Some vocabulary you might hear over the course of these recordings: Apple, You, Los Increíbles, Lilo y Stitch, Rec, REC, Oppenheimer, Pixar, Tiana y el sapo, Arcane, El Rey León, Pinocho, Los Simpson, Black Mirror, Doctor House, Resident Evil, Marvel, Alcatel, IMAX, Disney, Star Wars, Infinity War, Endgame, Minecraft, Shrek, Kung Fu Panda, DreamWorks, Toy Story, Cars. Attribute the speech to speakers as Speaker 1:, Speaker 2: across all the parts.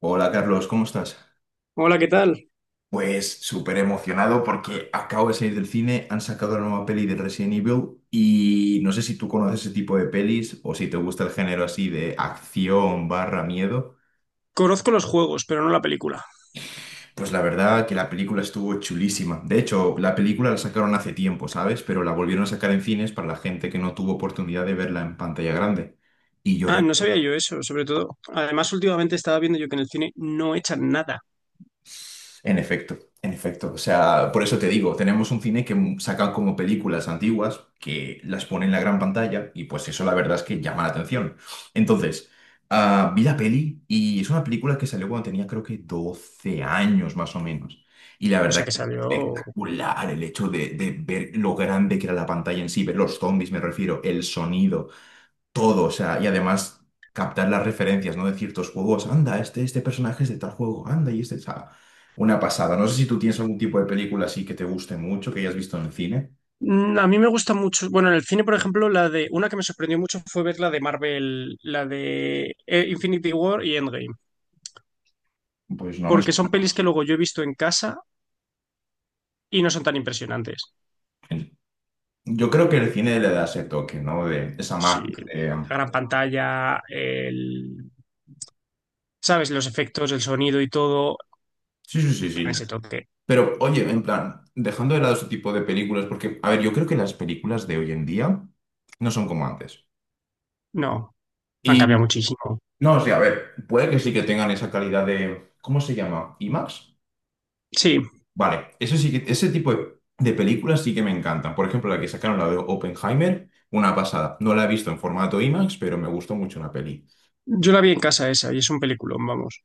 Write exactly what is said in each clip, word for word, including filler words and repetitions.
Speaker 1: Hola Carlos, ¿cómo estás?
Speaker 2: Hola, ¿qué tal?
Speaker 1: Pues súper emocionado porque acabo de salir del cine, han sacado la nueva peli de Resident Evil y no sé si tú conoces ese tipo de pelis o si te gusta el género así de acción barra miedo.
Speaker 2: Conozco los juegos, pero no la película.
Speaker 1: Pues la verdad que la película estuvo chulísima. De hecho, la película la sacaron hace tiempo, ¿sabes? Pero la volvieron a sacar en cines para la gente que no tuvo oportunidad de verla en pantalla grande. Y yo
Speaker 2: Ah, no sabía yo eso, sobre todo. Además, últimamente estaba viendo yo que en el cine no echan nada.
Speaker 1: En efecto, en efecto. O sea, por eso te digo, tenemos un cine que m- saca como películas antiguas que las pone en la gran pantalla y pues eso la verdad es que llama la atención. Entonces, ah, vi la peli y es una película que salió cuando tenía creo que doce años más o menos. Y la
Speaker 2: O sea,
Speaker 1: verdad que
Speaker 2: que
Speaker 1: fue
Speaker 2: salió...
Speaker 1: espectacular el hecho de, de ver lo grande que era la pantalla en sí, ver los zombies, me refiero, el sonido, todo, o sea, y además captar las referencias, ¿no? De ciertos juegos, anda, este, este personaje es de tal juego, anda, y este, o sea, una pasada. No sé si tú tienes algún tipo de película así que te guste mucho, que hayas visto en el cine,
Speaker 2: Mm, A mí me gusta mucho... Bueno, en el cine, por ejemplo, la de... Una que me sorprendió mucho fue ver la de Marvel, la de eh, Infinity War y Endgame.
Speaker 1: pues no me
Speaker 2: Porque son pelis que luego yo he visto en casa y no son tan impresionantes.
Speaker 1: sorprende. Yo creo que el cine le da ese toque, ¿no? De esa
Speaker 2: Sí,
Speaker 1: magia. de-
Speaker 2: la
Speaker 1: em,
Speaker 2: gran pantalla, el... ¿Sabes? Los efectos, el sonido y todo.
Speaker 1: Sí, sí, sí,
Speaker 2: Con
Speaker 1: sí.
Speaker 2: ese toque.
Speaker 1: Pero, oye, en plan, dejando de lado ese tipo de películas, porque, a ver, yo creo que las películas de hoy en día no son como antes.
Speaker 2: No, han cambiado
Speaker 1: Y,
Speaker 2: muchísimo.
Speaker 1: no, o sea, a ver, puede que sí que tengan esa calidad de, ¿cómo se llama? ¿IMAX?
Speaker 2: Sí,
Speaker 1: Vale, eso sí que, ese tipo de, de películas sí que me encantan. Por ejemplo, la que sacaron, la de Oppenheimer, una pasada. No la he visto en formato IMAX, pero me gustó mucho la peli.
Speaker 2: Yo la vi en casa esa y es un peliculón, vamos.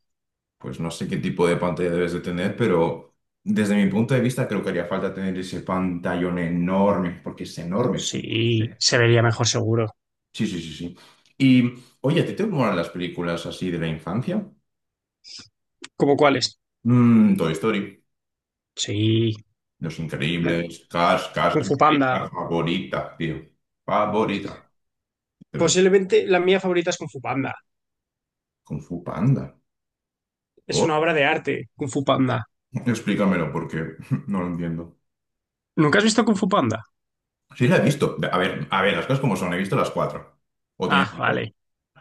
Speaker 1: Pues no sé qué tipo de pantalla debes de tener, pero desde mi punto de vista creo que haría falta tener ese pantallón enorme, porque es enorme. es-
Speaker 2: Sí, se vería mejor seguro.
Speaker 1: Sí, sí, sí, sí. Y, oye, ¿a ti te molan las películas así de la infancia?
Speaker 2: ¿Cómo cuáles?
Speaker 1: Mm, Toy Story,
Speaker 2: Sí,
Speaker 1: Los
Speaker 2: Mira,
Speaker 1: Increíbles, Cars, Cars
Speaker 2: Kung
Speaker 1: es
Speaker 2: Fu
Speaker 1: mi
Speaker 2: Panda.
Speaker 1: película favorita, tío. Favorita. Pero
Speaker 2: Posiblemente la mía favorita es Kung Fu Panda.
Speaker 1: Kung Fu Panda.
Speaker 2: Es una
Speaker 1: Oh,
Speaker 2: obra de arte, Kung Fu Panda.
Speaker 1: explícamelo porque no lo entiendo.
Speaker 2: ¿Nunca has visto Kung Fu Panda?
Speaker 1: Sí, la he visto. A ver, a ver, las cosas como son, he visto las cuatro. O tiene
Speaker 2: Ah,
Speaker 1: cinco.
Speaker 2: vale.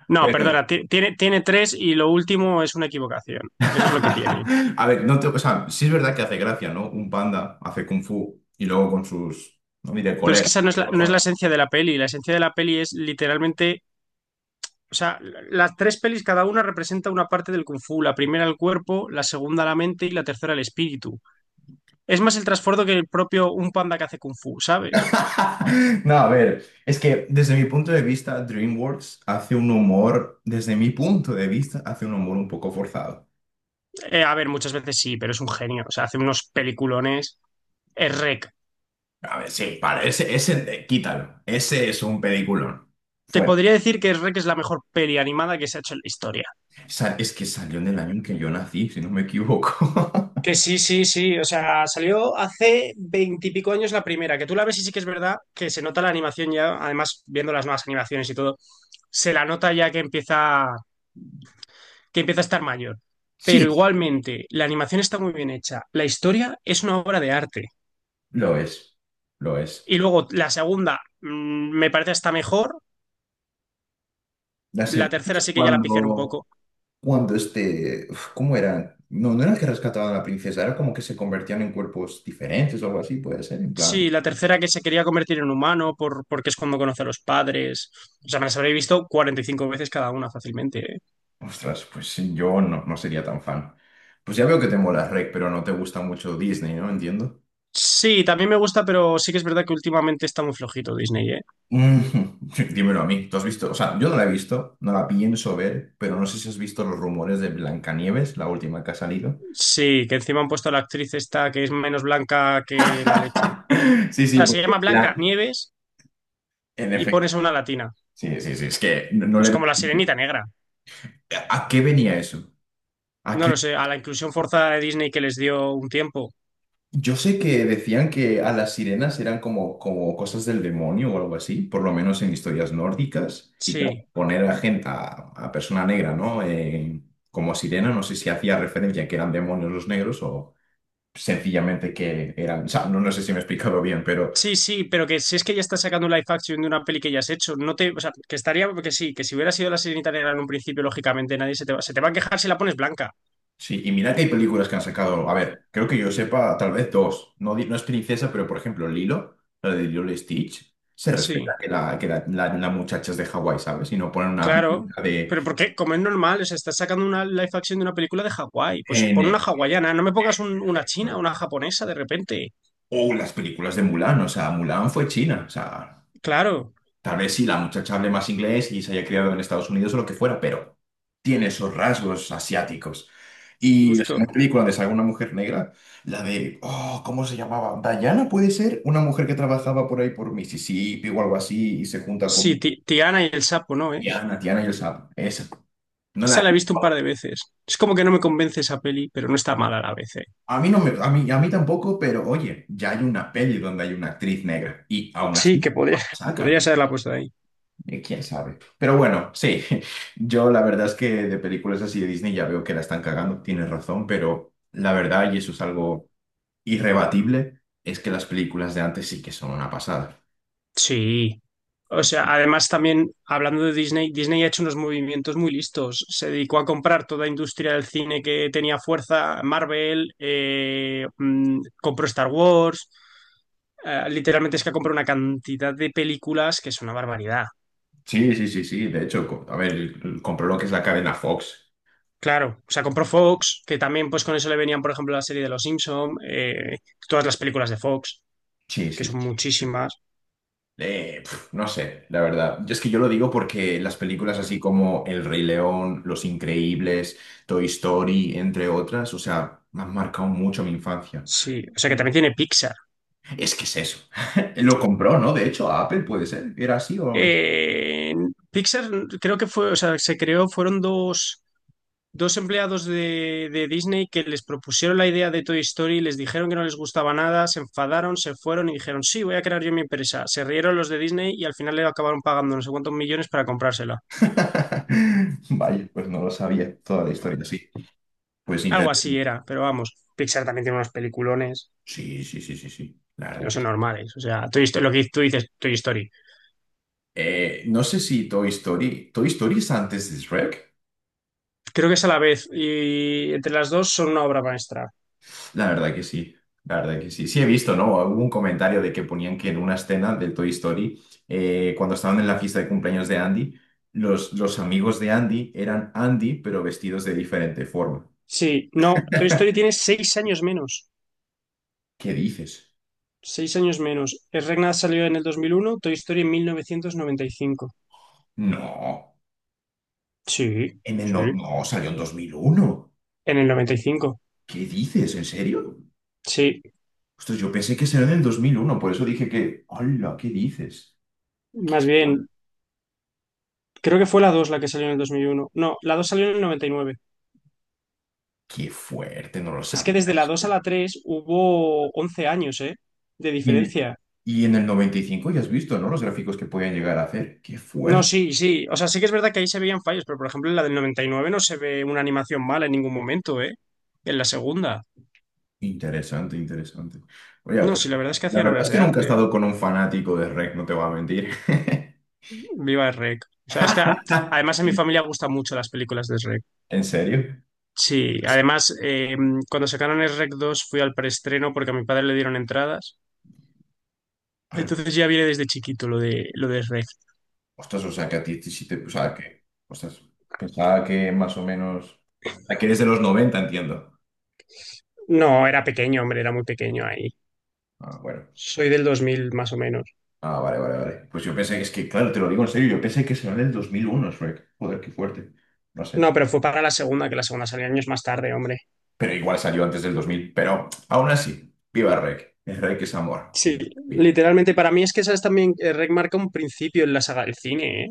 Speaker 2: No, perdona,
Speaker 1: Pero.
Speaker 2: ti- tiene, tiene tres y lo último es una equivocación. Eso es lo que tiene.
Speaker 1: A ver, no te- o sea, sí es verdad que hace gracia, ¿no? Un panda hace kung fu y luego con sus. No diré
Speaker 2: Pero es que
Speaker 1: colegas.
Speaker 2: esa no
Speaker 1: Porque
Speaker 2: es la,
Speaker 1: como
Speaker 2: no es
Speaker 1: son.
Speaker 2: la esencia de la peli. La esencia de la peli es literalmente, o sea, la- las tres pelis cada una representa una parte del kung fu. La primera el cuerpo, la segunda la mente y la tercera el espíritu. Es más el trasfondo que el propio un panda que hace kung fu, ¿sabes?
Speaker 1: No, a ver, es que desde mi punto de vista, DreamWorks hace un humor, desde mi punto de vista, hace un humor un poco forzado.
Speaker 2: Eh, a ver, muchas veces sí, pero es un genio. O sea, hace unos peliculones. Es Rec.
Speaker 1: A ver, sí, para, ese, ese, eh, quítalo. Ese es un peliculón.
Speaker 2: Te
Speaker 1: Fuera.
Speaker 2: podría decir que Rec es la mejor peli animada que se ha hecho en la historia.
Speaker 1: Sa- Es que salió en el año en que yo nací, si no me equivoco.
Speaker 2: Que sí, sí, sí. O sea, salió hace veintipico años la primera. Que tú la ves y sí que es verdad que se nota la animación ya. Además, viendo las nuevas animaciones y todo, se la nota ya que empieza, que empieza a estar mayor.
Speaker 1: Sí,
Speaker 2: Pero igualmente, la animación está muy bien hecha. La historia es una obra de arte.
Speaker 1: lo es, lo es.
Speaker 2: Y luego la segunda mm, me parece hasta mejor.
Speaker 1: La
Speaker 2: La
Speaker 1: segunda es
Speaker 2: tercera sí que ya la pifiaron un
Speaker 1: cuando,
Speaker 2: poco.
Speaker 1: cuando este, uf, ¿cómo eran? No, no era que rescataban a la princesa, era como que se convertían en cuerpos diferentes o algo así, puede ser, en
Speaker 2: Sí,
Speaker 1: plan,
Speaker 2: la tercera que se quería convertir en humano por, porque es cuando conoce a los padres. O sea, me las habré visto cuarenta y cinco veces cada una fácilmente, ¿eh?
Speaker 1: ostras, pues sí, yo no, no sería tan fan. Pues ya veo que te mola Rec, pero no te gusta mucho Disney, ¿no? Entiendo.
Speaker 2: Sí, también me gusta, pero sí que es verdad que últimamente está muy flojito Disney, ¿eh?
Speaker 1: Mm, dímelo a mí, ¿tú has visto? O sea, yo no la he visto, no la pienso ver, pero no sé si has visto los rumores de Blancanieves, la última que ha salido.
Speaker 2: Sí, que encima han puesto a la actriz esta que es menos blanca que la leche. O
Speaker 1: Sí, sí,
Speaker 2: sea, se
Speaker 1: porque
Speaker 2: llama Blanca
Speaker 1: la-
Speaker 2: Nieves
Speaker 1: en
Speaker 2: y
Speaker 1: efecto.
Speaker 2: pones a una latina.
Speaker 1: Sí, sí, sí, es que no, no
Speaker 2: No Es
Speaker 1: le veo
Speaker 2: como la
Speaker 1: sentido.
Speaker 2: sirenita negra.
Speaker 1: ¿A qué venía eso? ¿A
Speaker 2: No
Speaker 1: qué?
Speaker 2: lo sé, a la inclusión forzada de Disney que les dio un tiempo.
Speaker 1: Yo sé que decían que a las sirenas eran como, como cosas del demonio o algo así, por lo menos en historias nórdicas. Y claro,
Speaker 2: Sí.
Speaker 1: poner a gente, a, a persona negra, ¿no? Eh, como sirena, no sé si hacía referencia a que eran demonios los negros o sencillamente que eran. O sea, no, no sé si me he explicado bien, pero.
Speaker 2: Sí, sí, pero que si es que ya está sacando un live action de una peli que ya has hecho, no te, o sea, que estaría, que sí, que si hubiera sido la Sirenita negra en un principio, lógicamente nadie se te va, se te va a quejar si la pones blanca.
Speaker 1: Sí, y mira que hay películas que han sacado. A ver, creo que yo sepa, tal vez dos. No, di- no es princesa, pero por ejemplo, Lilo, la de Lilo y Stitch, se respeta
Speaker 2: Sí,
Speaker 1: que la, que la, la- la muchacha es de Hawái, ¿sabes? Y no ponen una
Speaker 2: claro.
Speaker 1: película de
Speaker 2: Pero porque, como es normal, o sea, estás sacando una live action de una película de Hawái, pues
Speaker 1: N.
Speaker 2: pon una
Speaker 1: N, N,
Speaker 2: hawaiana, no me pongas un- una china,
Speaker 1: N.
Speaker 2: una japonesa de repente.
Speaker 1: O las películas de Mulan, o sea, Mulan fue China, o sea.
Speaker 2: Claro,
Speaker 1: Tal vez sí, la muchacha hable más inglés y se haya criado en Estados Unidos o lo que fuera, pero tiene esos rasgos asiáticos. Y es una
Speaker 2: justo.
Speaker 1: película donde sale una mujer negra, la de, oh, ¿cómo se llamaba? Diana puede ser una mujer que trabajaba por ahí por Mississippi o algo así y se junta
Speaker 2: Sí,
Speaker 1: con
Speaker 2: Ti- Tiana y el sapo, ¿no es?
Speaker 1: Tiana, Tiana y el sapo. Esa. No la
Speaker 2: Esa
Speaker 1: he
Speaker 2: la he
Speaker 1: visto.
Speaker 2: visto un par de veces. Es como que no me convence esa peli, pero no está mala a la vez, ¿eh?
Speaker 1: A mí no me, a mí, a mí tampoco, pero oye, ya hay una peli donde hay una actriz negra y aún así
Speaker 2: Sí,
Speaker 1: no
Speaker 2: que
Speaker 1: la
Speaker 2: podría, podría
Speaker 1: sacan.
Speaker 2: ser la puesta ahí.
Speaker 1: Eh, ¿Quién sabe? Pero bueno, sí, yo la verdad es que de películas así de Disney ya veo que la están cagando, tienes razón, pero la verdad, y eso es algo irrebatible, es que las películas de antes sí que son una pasada.
Speaker 2: Sí. O sea, además también hablando de Disney, Disney ha hecho unos movimientos muy listos. Se dedicó a comprar toda industria del cine que tenía fuerza, Marvel, eh, mm, compró Star Wars. Eh, literalmente es que ha comprado una cantidad de películas que es una barbaridad.
Speaker 1: Sí, sí, sí, sí, de hecho, co- a ver, compró lo que es la cadena Fox.
Speaker 2: Claro, o sea, compró Fox, que también pues con eso le venían, por ejemplo, la serie de Los Simpson, eh, todas las películas de Fox,
Speaker 1: Sí,
Speaker 2: que
Speaker 1: sí. sí.
Speaker 2: son muchísimas.
Speaker 1: Eh, pf, no sé, la verdad. Yo es que yo lo digo porque las películas así como El Rey León, Los Increíbles, Toy Story, entre otras, o sea, me han marcado mucho mi infancia.
Speaker 2: Sí, o sea, que también tiene Pixar.
Speaker 1: Es que es eso. Lo compró, ¿no? De hecho, a Apple puede ser. ¿Era así o me...
Speaker 2: Eh, Pixar creo que fue, o sea, se creó, fueron dos, dos empleados de, de Disney que les propusieron la idea de Toy Story, les dijeron que no les gustaba nada, se enfadaron, se fueron y dijeron, sí, voy a crear yo mi empresa. Se rieron los de Disney y al final le acabaron pagando no sé cuántos millones para comprársela.
Speaker 1: Vaya, pues no lo sabía toda la historia, sí. Pues
Speaker 2: Algo así
Speaker 1: interesante.
Speaker 2: era, pero vamos, Pixar también tiene unos peliculones
Speaker 1: Sí, sí, sí, sí, sí. La
Speaker 2: que no
Speaker 1: verdad que
Speaker 2: son
Speaker 1: sí.
Speaker 2: normales. O sea, Toy Story- lo que tú dices, Toy Story.
Speaker 1: Eh, no sé si Toy Story... ¿Toy Story es antes de Shrek?
Speaker 2: Creo que es a la vez y entre las dos son una obra maestra.
Speaker 1: La verdad que sí. La verdad que sí. Sí he visto, ¿no? Hubo un comentario de que ponían que en una escena del Toy Story, eh, cuando estaban en la fiesta de cumpleaños de Andy, los, los amigos de Andy eran Andy, pero vestidos de diferente forma.
Speaker 2: Sí, no, Toy Story tiene seis años menos.
Speaker 1: ¿Qué dices?
Speaker 2: Seis años menos. Es Regnat salió en el dos mil uno, Toy Story en mil novecientos noventa y cinco.
Speaker 1: No.
Speaker 2: Sí,
Speaker 1: En el No,
Speaker 2: sí.
Speaker 1: no, salió en dos mil uno.
Speaker 2: En el noventa y cinco.
Speaker 1: ¿Qué dices? ¿En serio?
Speaker 2: Sí,
Speaker 1: Ostras, yo pensé que salió en el dos mil uno. Por eso dije que, hola, ¿qué dices?
Speaker 2: más bien. Creo que fue la dos la que salió en el dos mil uno. No, la dos salió en el noventa y nueve.
Speaker 1: Qué fuerte, no lo
Speaker 2: Es que
Speaker 1: sabía.
Speaker 2: desde la dos a la tres hubo once años, ¿eh? De
Speaker 1: Y en el,
Speaker 2: diferencia.
Speaker 1: y en el noventa y cinco ya has visto, ¿no? Los gráficos que podían llegar a hacer. Qué
Speaker 2: No,
Speaker 1: fuerte.
Speaker 2: sí, sí. O sea, sí que es verdad que ahí se veían fallos, pero por ejemplo en la del noventa y nueve no se ve una animación mala en ningún momento, ¿eh? En la segunda.
Speaker 1: Interesante, interesante. Oye,
Speaker 2: No, sí,
Speaker 1: pues
Speaker 2: la verdad es que
Speaker 1: la
Speaker 2: hacían
Speaker 1: verdad es
Speaker 2: obras
Speaker 1: que
Speaker 2: de
Speaker 1: nunca he
Speaker 2: arte, ¿eh?
Speaker 1: estado con un fanático de R E C, no te voy a mentir.
Speaker 2: Viva el REC. O sea, es que además a mi familia gustan mucho las películas de REC.
Speaker 1: ¿En serio?
Speaker 2: Sí, además, eh, cuando sacaron el REC dos fui al preestreno porque a mi padre le dieron entradas.
Speaker 1: Al
Speaker 2: Entonces ya viene desde chiquito lo de lo de REC.
Speaker 1: Ostras, o sea, que a ti sí te... O sea, que... Ostras, pensaba que más o menos... Ah, que eres de los noventa, entiendo.
Speaker 2: No, era pequeño, hombre, era muy pequeño ahí.
Speaker 1: Ah, bueno.
Speaker 2: Soy del dos mil más o menos.
Speaker 1: Ah, vale, vale, vale. Pues yo pensé que es que, claro, te lo digo en serio, yo pensé que salió en el dos mil uno, Shrek. Joder, qué fuerte. No
Speaker 2: No,
Speaker 1: sé.
Speaker 2: pero fue para la segunda, que la segunda salió años más tarde, hombre.
Speaker 1: Pero igual salió antes del dos mil. Pero aún así, viva Rek. El Rek es amor. Es
Speaker 2: Sí,
Speaker 1: lo que pido.
Speaker 2: literalmente para mí es que sabes también eh, REC marca un principio en la saga del cine, ¿eh?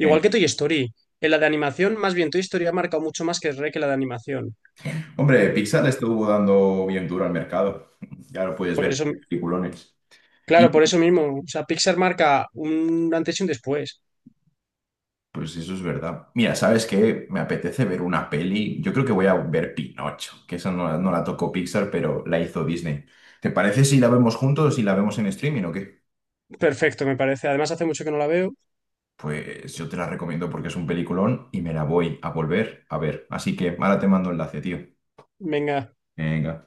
Speaker 1: Eh,
Speaker 2: que Toy Story. En la de animación, más bien Toy Story ha marcado mucho más que REC en la de animación.
Speaker 1: Hombre, Pixar le estuvo dando bien duro al mercado. Ya lo puedes
Speaker 2: Por
Speaker 1: ver,
Speaker 2: eso,
Speaker 1: peliculones.
Speaker 2: claro, por eso mismo. O sea, Pixar marca un antes y un después.
Speaker 1: Pues eso es verdad. Mira, ¿sabes qué? Me apetece ver una peli. Yo creo que voy a ver Pinocho, que esa no, la- no la tocó Pixar, pero la hizo Disney. ¿Te parece si la vemos juntos, si la vemos en streaming o qué?
Speaker 2: Perfecto, me parece. Además, hace mucho que no la veo.
Speaker 1: Pues yo te la recomiendo porque es un peliculón y me la voy a volver a ver. Así que ahora te mando enlace, tío.
Speaker 2: Venga,
Speaker 1: Venga.